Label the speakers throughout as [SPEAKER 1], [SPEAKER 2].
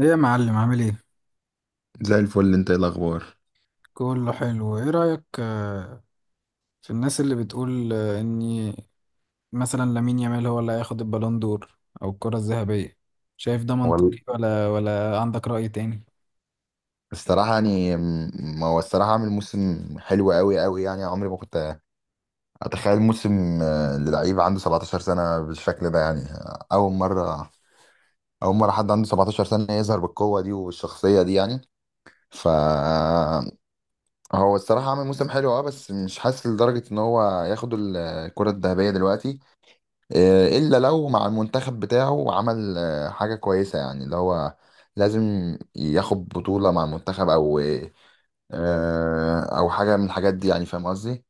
[SPEAKER 1] ايه يا معلم، عامل ايه؟
[SPEAKER 2] زي الفل، انت ايه الاخبار؟
[SPEAKER 1] كله حلو. ايه رأيك في الناس اللي بتقول ان مثلا لامين يامال هو اللي هياخد البالون دور او الكرة الذهبية؟ شايف ده منطقي
[SPEAKER 2] وال
[SPEAKER 1] ولا عندك رأي تاني؟
[SPEAKER 2] الصراحة يعني هو الصراحة عامل موسم حلو قوي قوي، يعني عمري ما كنت أتخيل موسم للعيب عنده 17 سنة بالشكل ده، يعني أول مرة حد عنده 17 سنة يظهر بالقوة دي والشخصية دي. يعني ف هو الصراحة عامل موسم حلو، بس مش حاسس لدرجة إن هو ياخد الكرة الذهبية دلوقتي، الا لو مع المنتخب بتاعه عمل حاجه كويسه، يعني اللي هو لازم ياخد بطوله مع المنتخب، او او حاجه من الحاجات دي، يعني فاهم قصدي.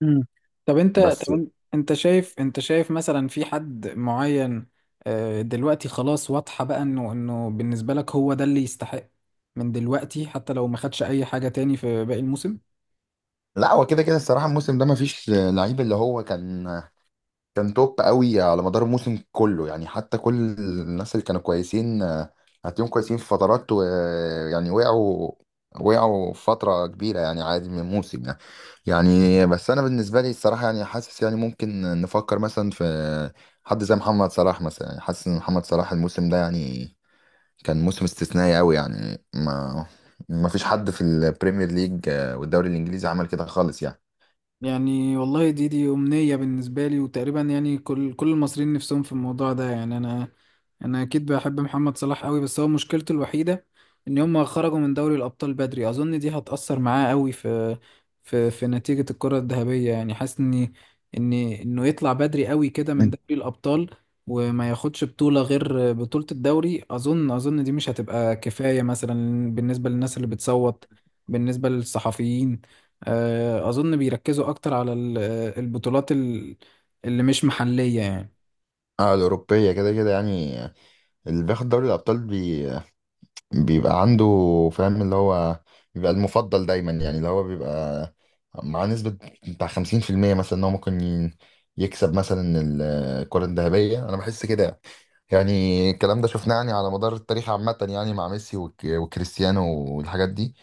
[SPEAKER 1] مم. طب انت طب
[SPEAKER 2] بس
[SPEAKER 1] ان- انت شايف مثلا في حد معين دلوقتي خلاص واضحة بقى انه بالنسبة لك هو ده اللي يستحق من دلوقتي، حتى لو ما خدش اي حاجة تاني في باقي الموسم؟
[SPEAKER 2] لا، هو كده كده الصراحه الموسم ده مفيش لعيب اللي هو كان توب قوي على مدار الموسم كله، يعني حتى كل الناس اللي كانوا كويسين، هتلاقيهم كويسين في فترات، ويعني وقعوا فترة كبيرة، يعني عادي من الموسم يعني. يعني بس أنا بالنسبة لي الصراحة يعني حاسس، يعني ممكن نفكر مثلا في حد زي محمد صلاح مثلا، يعني حاسس إن محمد صلاح الموسم ده يعني كان موسم استثنائي قوي، يعني ما فيش حد في البريمير ليج، والدوري الإنجليزي، عمل كده خالص يعني.
[SPEAKER 1] يعني والله، دي أمنية بالنسبة لي، وتقريبا يعني كل المصريين نفسهم في الموضوع ده. يعني أنا أكيد بحب محمد صلاح قوي، بس هو مشكلته الوحيدة إن هم خرجوا من دوري الأبطال بدري. أظن دي هتأثر معاه قوي في نتيجة الكرة الذهبية. يعني حاسس إن إن إنه يطلع بدري قوي كده من دوري الأبطال وما ياخدش بطولة غير بطولة الدوري. أظن دي مش هتبقى كفاية مثلا بالنسبة للناس اللي بتصوت، بالنسبة للصحفيين. أظن بيركزوا أكتر على البطولات اللي مش محلية يعني.
[SPEAKER 2] اه، الأوروبية كده كده يعني. اللي بياخد دوري الأبطال بيبقى عنده، فاهم، اللي هو بيبقى المفضل دايما، يعني اللي هو بيبقى مع نسبة بتاع خمسين في المية مثلا إن هو ممكن يكسب مثلا الكرة الذهبية، أنا بحس كده. يعني الكلام ده شفناه يعني على مدار التاريخ عامة، يعني مع ميسي وكريستيانو والحاجات دي.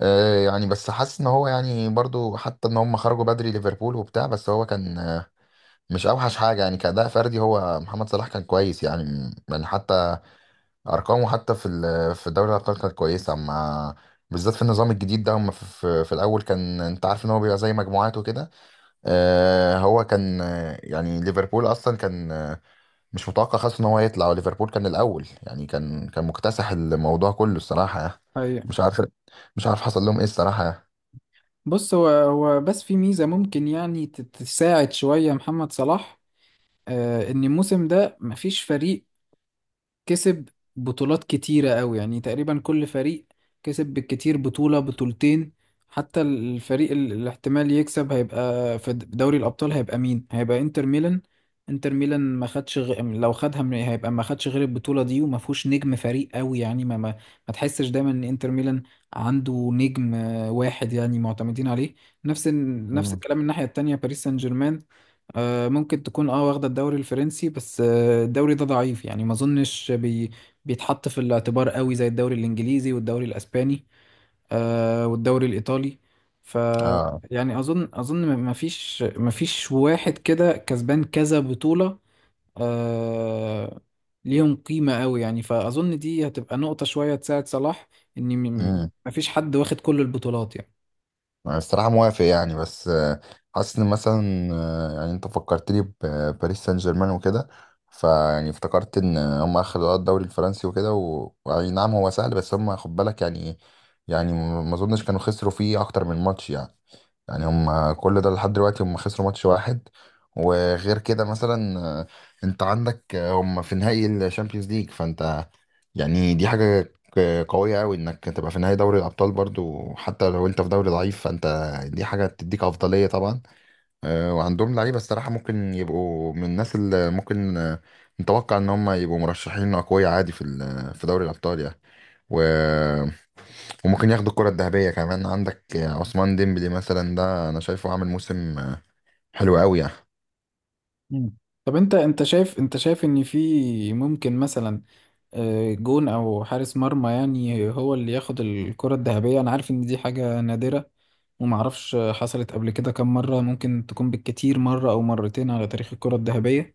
[SPEAKER 2] يعني بس حاسس ان هو يعني برضو، حتى ان هم خرجوا بدري ليفربول وبتاع، بس هو كان مش اوحش حاجه، يعني كأداء فردي هو محمد صلاح كان كويس، يعني يعني حتى ارقامه حتى في في دوري الابطال كانت كويسه، اما بالذات في النظام الجديد ده هم في الاول كان، انت عارف ان هو بيبقى زي مجموعات وكده. هو كان، يعني ليفربول اصلا كان مش متوقع خالص ان هو يطلع، وليفربول كان الاول، يعني كان مكتسح الموضوع كله الصراحه يعني.
[SPEAKER 1] أيوة.
[SPEAKER 2] مش عارف مش عارف حصل لهم ايه الصراحه.
[SPEAKER 1] بص، هو بس في ميزة ممكن يعني تساعد شوية محمد صلاح. إن الموسم ده مفيش فريق كسب بطولات كتيرة قوي. يعني تقريبا كل فريق كسب بالكتير بطولة بطولتين. حتى الفريق الاحتمال يكسب هيبقى في دوري الأبطال هيبقى مين؟ هيبقى انتر ميلان. انتر ميلان ما خدش غ... لو خدها من... هيبقى ما خدش غير البطولة دي، وما فيهوش نجم فريق قوي يعني ما تحسش دايما ان انتر ميلان عنده نجم واحد يعني معتمدين عليه. نفس نفس
[SPEAKER 2] مم.
[SPEAKER 1] الكلام الناحية التانية، باريس سان جيرمان ممكن تكون واخدة الدوري الفرنسي، بس الدوري ده ضعيف يعني ما اظنش بيتحط في الاعتبار قوي زي الدوري الانجليزي والدوري الاسباني والدوري الايطالي. ف
[SPEAKER 2] اه،
[SPEAKER 1] يعني اظن ما فيش واحد كده كسبان كذا بطولة آه، ليهم قيمة قوي. يعني فاظن دي هتبقى نقطة شوية تساعد صلاح ان م- ما فيش حد واخد كل البطولات يعني.
[SPEAKER 2] الصراحة موافق، يعني بس حاسس ان مثلا يعني انت فكرتني بباريس سان جيرمان وكده، فيعني افتكرت ان هم خدوا الدوري الفرنسي وكده ويعني نعم هو سهل، بس هم خد بالك يعني، يعني ما اظنش كانوا خسروا فيه اكتر من ماتش، يعني يعني هم كل ده لحد دلوقتي هم خسروا ماتش واحد. وغير كده مثلا، انت عندك، هم في نهائي الشامبيونز ليج، فانت يعني دي حاجة قوية أوي إنك تبقى في نهائي دوري الأبطال، برضو حتى لو أنت في دوري ضعيف، فأنت دي حاجة تديك أفضلية طبعا. وعندهم لعيبة الصراحة ممكن يبقوا من الناس اللي ممكن نتوقع إن هم يبقوا مرشحين أقوياء عادي في في دوري الأبطال يعني. و... وممكن ياخدوا الكرة الذهبية كمان. عندك عثمان ديمبلي مثلا، ده أنا شايفه عامل موسم حلو قوي يعني.
[SPEAKER 1] مم. طب انت شايف ان في ممكن مثلا جون او حارس مرمى يعني هو اللي ياخد الكرة الذهبية. انا عارف ان دي حاجة نادرة ومعرفش حصلت قبل كده كم مرة، ممكن تكون بالكتير مرة او مرتين على تاريخ الكرة الذهبية.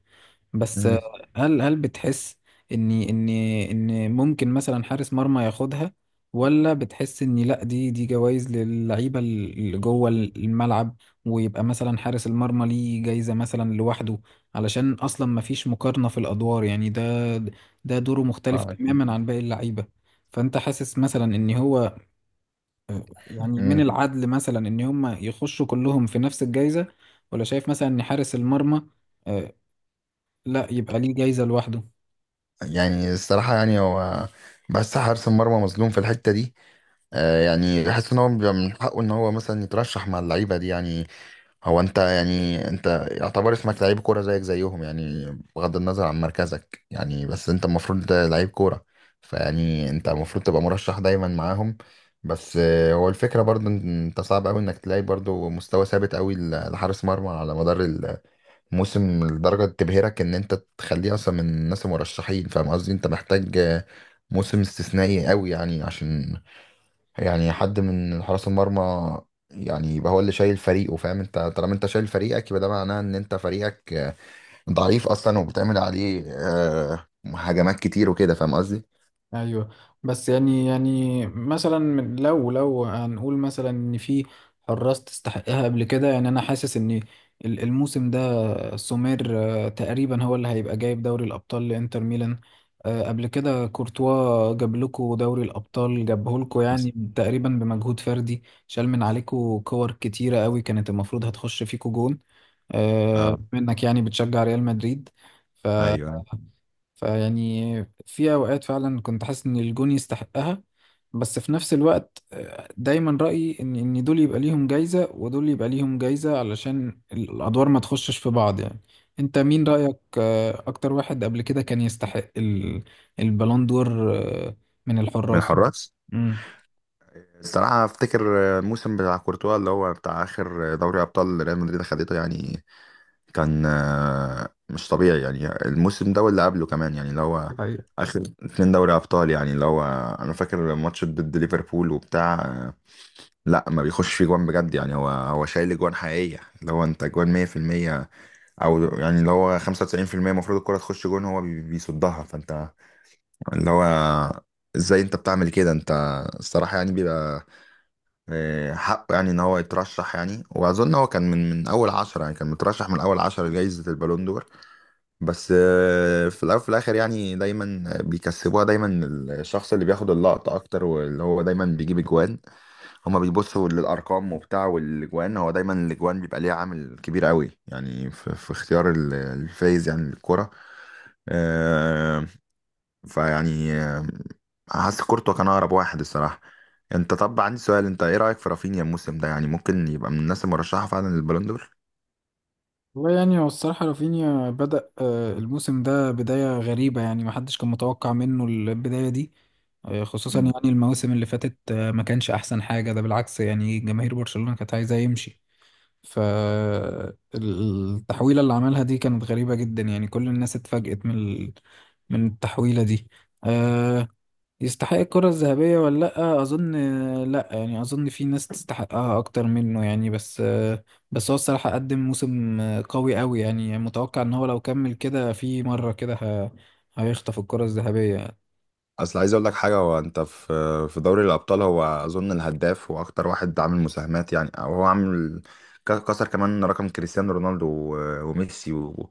[SPEAKER 1] بس
[SPEAKER 2] مم.
[SPEAKER 1] هل بتحس ان ممكن مثلا حارس مرمى ياخدها، ولا بتحس ان لا، دي جوائز للعيبه اللي جوه الملعب، ويبقى مثلا حارس المرمى ليه جايزه مثلا لوحده، علشان اصلا ما فيش مقارنه في الادوار يعني؟ ده دوره مختلف
[SPEAKER 2] آه،
[SPEAKER 1] تماما عن باقي اللعيبه. فانت حاسس مثلا ان هو يعني من
[SPEAKER 2] مم.
[SPEAKER 1] العدل مثلا ان هم يخشوا كلهم في نفس الجايزه، ولا شايف مثلا ان حارس المرمى آه، لا يبقى ليه جايزه لوحده؟
[SPEAKER 2] يعني الصراحة يعني هو، بس حارس المرمى مظلوم في الحتة دي. يعني بحس إن هو بيبقى من حقه إن هو مثلا يترشح مع اللعيبة دي، يعني هو انت يعني انت يعتبر اسمك لعيب كوره زيك زيهم، يعني بغض النظر عن مركزك، يعني بس انت المفروض لعيب كوره، فيعني انت المفروض تبقى مرشح دايما معاهم. بس هو الفكره برضو ان انت صعب قوي انك تلاقي برضو مستوى ثابت قوي لحارس مرمى على مدار الموسم لدرجه تبهرك ان انت تخليه اصلا من الناس المرشحين، فاهم قصدي؟ انت محتاج موسم استثنائي قوي، يعني عشان يعني حد من حراس المرمى يعني يبقى هو اللي شايل فريقه. فاهم، انت طالما انت شايل فريقك يبقى ده معناه ان انت فريقك ضعيف اصلا، وبتعمل عليه هجمات كتير وكده، فاهم قصدي؟
[SPEAKER 1] ايوه. بس يعني مثلا لو هنقول مثلا ان في حراس تستحقها قبل كده. يعني انا حاسس ان الموسم ده سومير تقريبا هو اللي هيبقى جايب دوري الابطال لانتر ميلان. قبل كده كورتوا جاب لكم دوري الابطال، جابه لكم
[SPEAKER 2] حصل.
[SPEAKER 1] يعني تقريبا بمجهود فردي. شال من عليكم كور كتيره قوي كانت المفروض هتخش فيكم جون
[SPEAKER 2] اه.
[SPEAKER 1] منك، يعني بتشجع ريال مدريد. ف
[SPEAKER 2] ايوه، أيوه.
[SPEAKER 1] فيعني في أوقات فعلا كنت حاسس إن الجون يستحقها، بس في نفس الوقت دايما رأيي إن دول يبقى ليهم جايزة ودول يبقى ليهم جايزة علشان الأدوار ما تخشش في بعض يعني. أنت مين رأيك أكتر واحد قبل كده كان يستحق البالون دور من
[SPEAKER 2] من
[SPEAKER 1] الحراس؟
[SPEAKER 2] الحراس،
[SPEAKER 1] مم.
[SPEAKER 2] الصراحة أفتكر الموسم بتاع كورتوا اللي هو بتاع آخر دوري أبطال ريال مدريد خدته، يعني كان مش طبيعي، يعني الموسم ده واللي قبله كمان، يعني اللي هو آخر اتنين دوري أبطال، يعني اللي هو أنا فاكر ماتش ضد ليفربول وبتاع، لا ما بيخش في جوان بجد، يعني هو شايل جوان حقيقية، اللي هو انت جوان 100%، او يعني اللي هو 95% المفروض الكرة تخش جون هو بيصدها، فانت اللي هو ازاي انت بتعمل كده انت؟ الصراحة يعني بيبقى حقه يعني ان هو يترشح، يعني واظن هو كان من اول عشرة، يعني كان مترشح من اول عشرة لجائزة البالون دور. بس في الاول وفي الاخر يعني دايما بيكسبوها دايما الشخص اللي بياخد اللقطة اكتر، واللي هو دايما بيجيب اجوان. هما بيبصوا للارقام وبتاع، والاجوان هو دايما الاجوان بيبقى ليها عامل كبير قوي يعني في اختيار الفايز يعني للكرة. آه فيعني حاسس كورتوا كان اقرب واحد الصراحة. انت طب عندي سؤال، انت ايه رأيك في رافينيا الموسم ده؟ يعني ممكن يبقى من الناس المرشحة فعلا للبالون دور.
[SPEAKER 1] والله يعني هو الصراحة رافينيا بدأ الموسم ده بداية غريبة. يعني محدش كان متوقع منه البداية دي خصوصا يعني المواسم اللي فاتت ما كانش أحسن حاجة، ده بالعكس يعني جماهير برشلونة كانت عايزة يمشي. فالتحويلة اللي عملها دي كانت غريبة جدا، يعني كل الناس اتفاجئت من من التحويلة دي. آه، يستحق الكرة الذهبية ولا لأ؟ أظن لأ. يعني أظن في ناس تستحقها أكتر منه يعني، بس هو الصراحة قدم موسم قوي أوي، يعني متوقع إن هو لو كمل كده في مرة كده هيخطف الكرة الذهبية.
[SPEAKER 2] اصل عايز اقول لك حاجه، هو انت في في دوري الابطال هو اظن الهداف واكتر واحد عامل مساهمات، يعني او هو عامل كسر كمان رقم كريستيانو رونالدو وميسي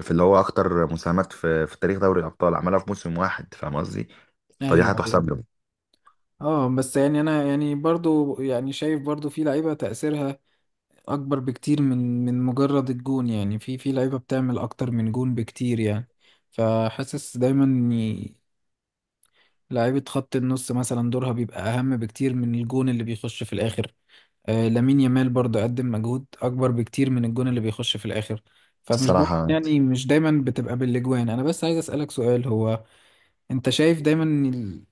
[SPEAKER 2] في اللي هو اكتر مساهمات في تاريخ دوري الابطال عملها في موسم واحد، فاهم قصدي؟
[SPEAKER 1] أيوه
[SPEAKER 2] فدي
[SPEAKER 1] أيوه.
[SPEAKER 2] هتحسب له
[SPEAKER 1] اه بس يعني أنا يعني برضو يعني شايف برضو في لعيبة تأثيرها أكبر بكتير من مجرد الجون يعني. في لعيبة بتعمل أكتر من جون بكتير يعني، فحاسس دايما لعيبة خط النص مثلا دورها بيبقى أهم بكتير من الجون اللي بيخش في الآخر. لامين يامال برضه قدم مجهود أكبر بكتير من الجون اللي بيخش في الآخر. فمش دايما
[SPEAKER 2] الصراحه.
[SPEAKER 1] يعني مش دايما بتبقى بالأجوان. أنا بس عايز أسألك سؤال: هو أنت شايف دايما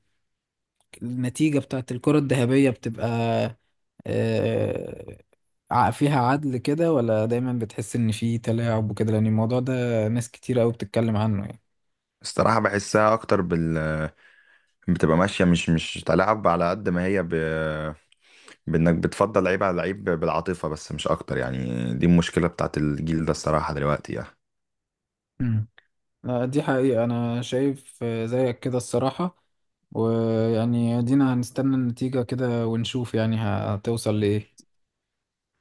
[SPEAKER 1] النتيجة بتاعت الكرة الذهبية بتبقى آه فيها عدل كده، ولا دايما بتحس إن في تلاعب وكده، لأن الموضوع ده ناس كتير أوي بتتكلم عنه؟
[SPEAKER 2] الصراحه بحسها اكتر بتبقى ماشيه مش تلعب على قد ما هي بانك بتفضل لعيب على لعيب بالعاطفه بس، مش اكتر، يعني دي المشكله بتاعت الجيل ده الصراحه دلوقتي يعني
[SPEAKER 1] يعني لا، دي حقيقة. أنا شايف زيك كده الصراحة. ويعني دينا هنستنى النتيجة كده ونشوف يعني هتوصل لإيه.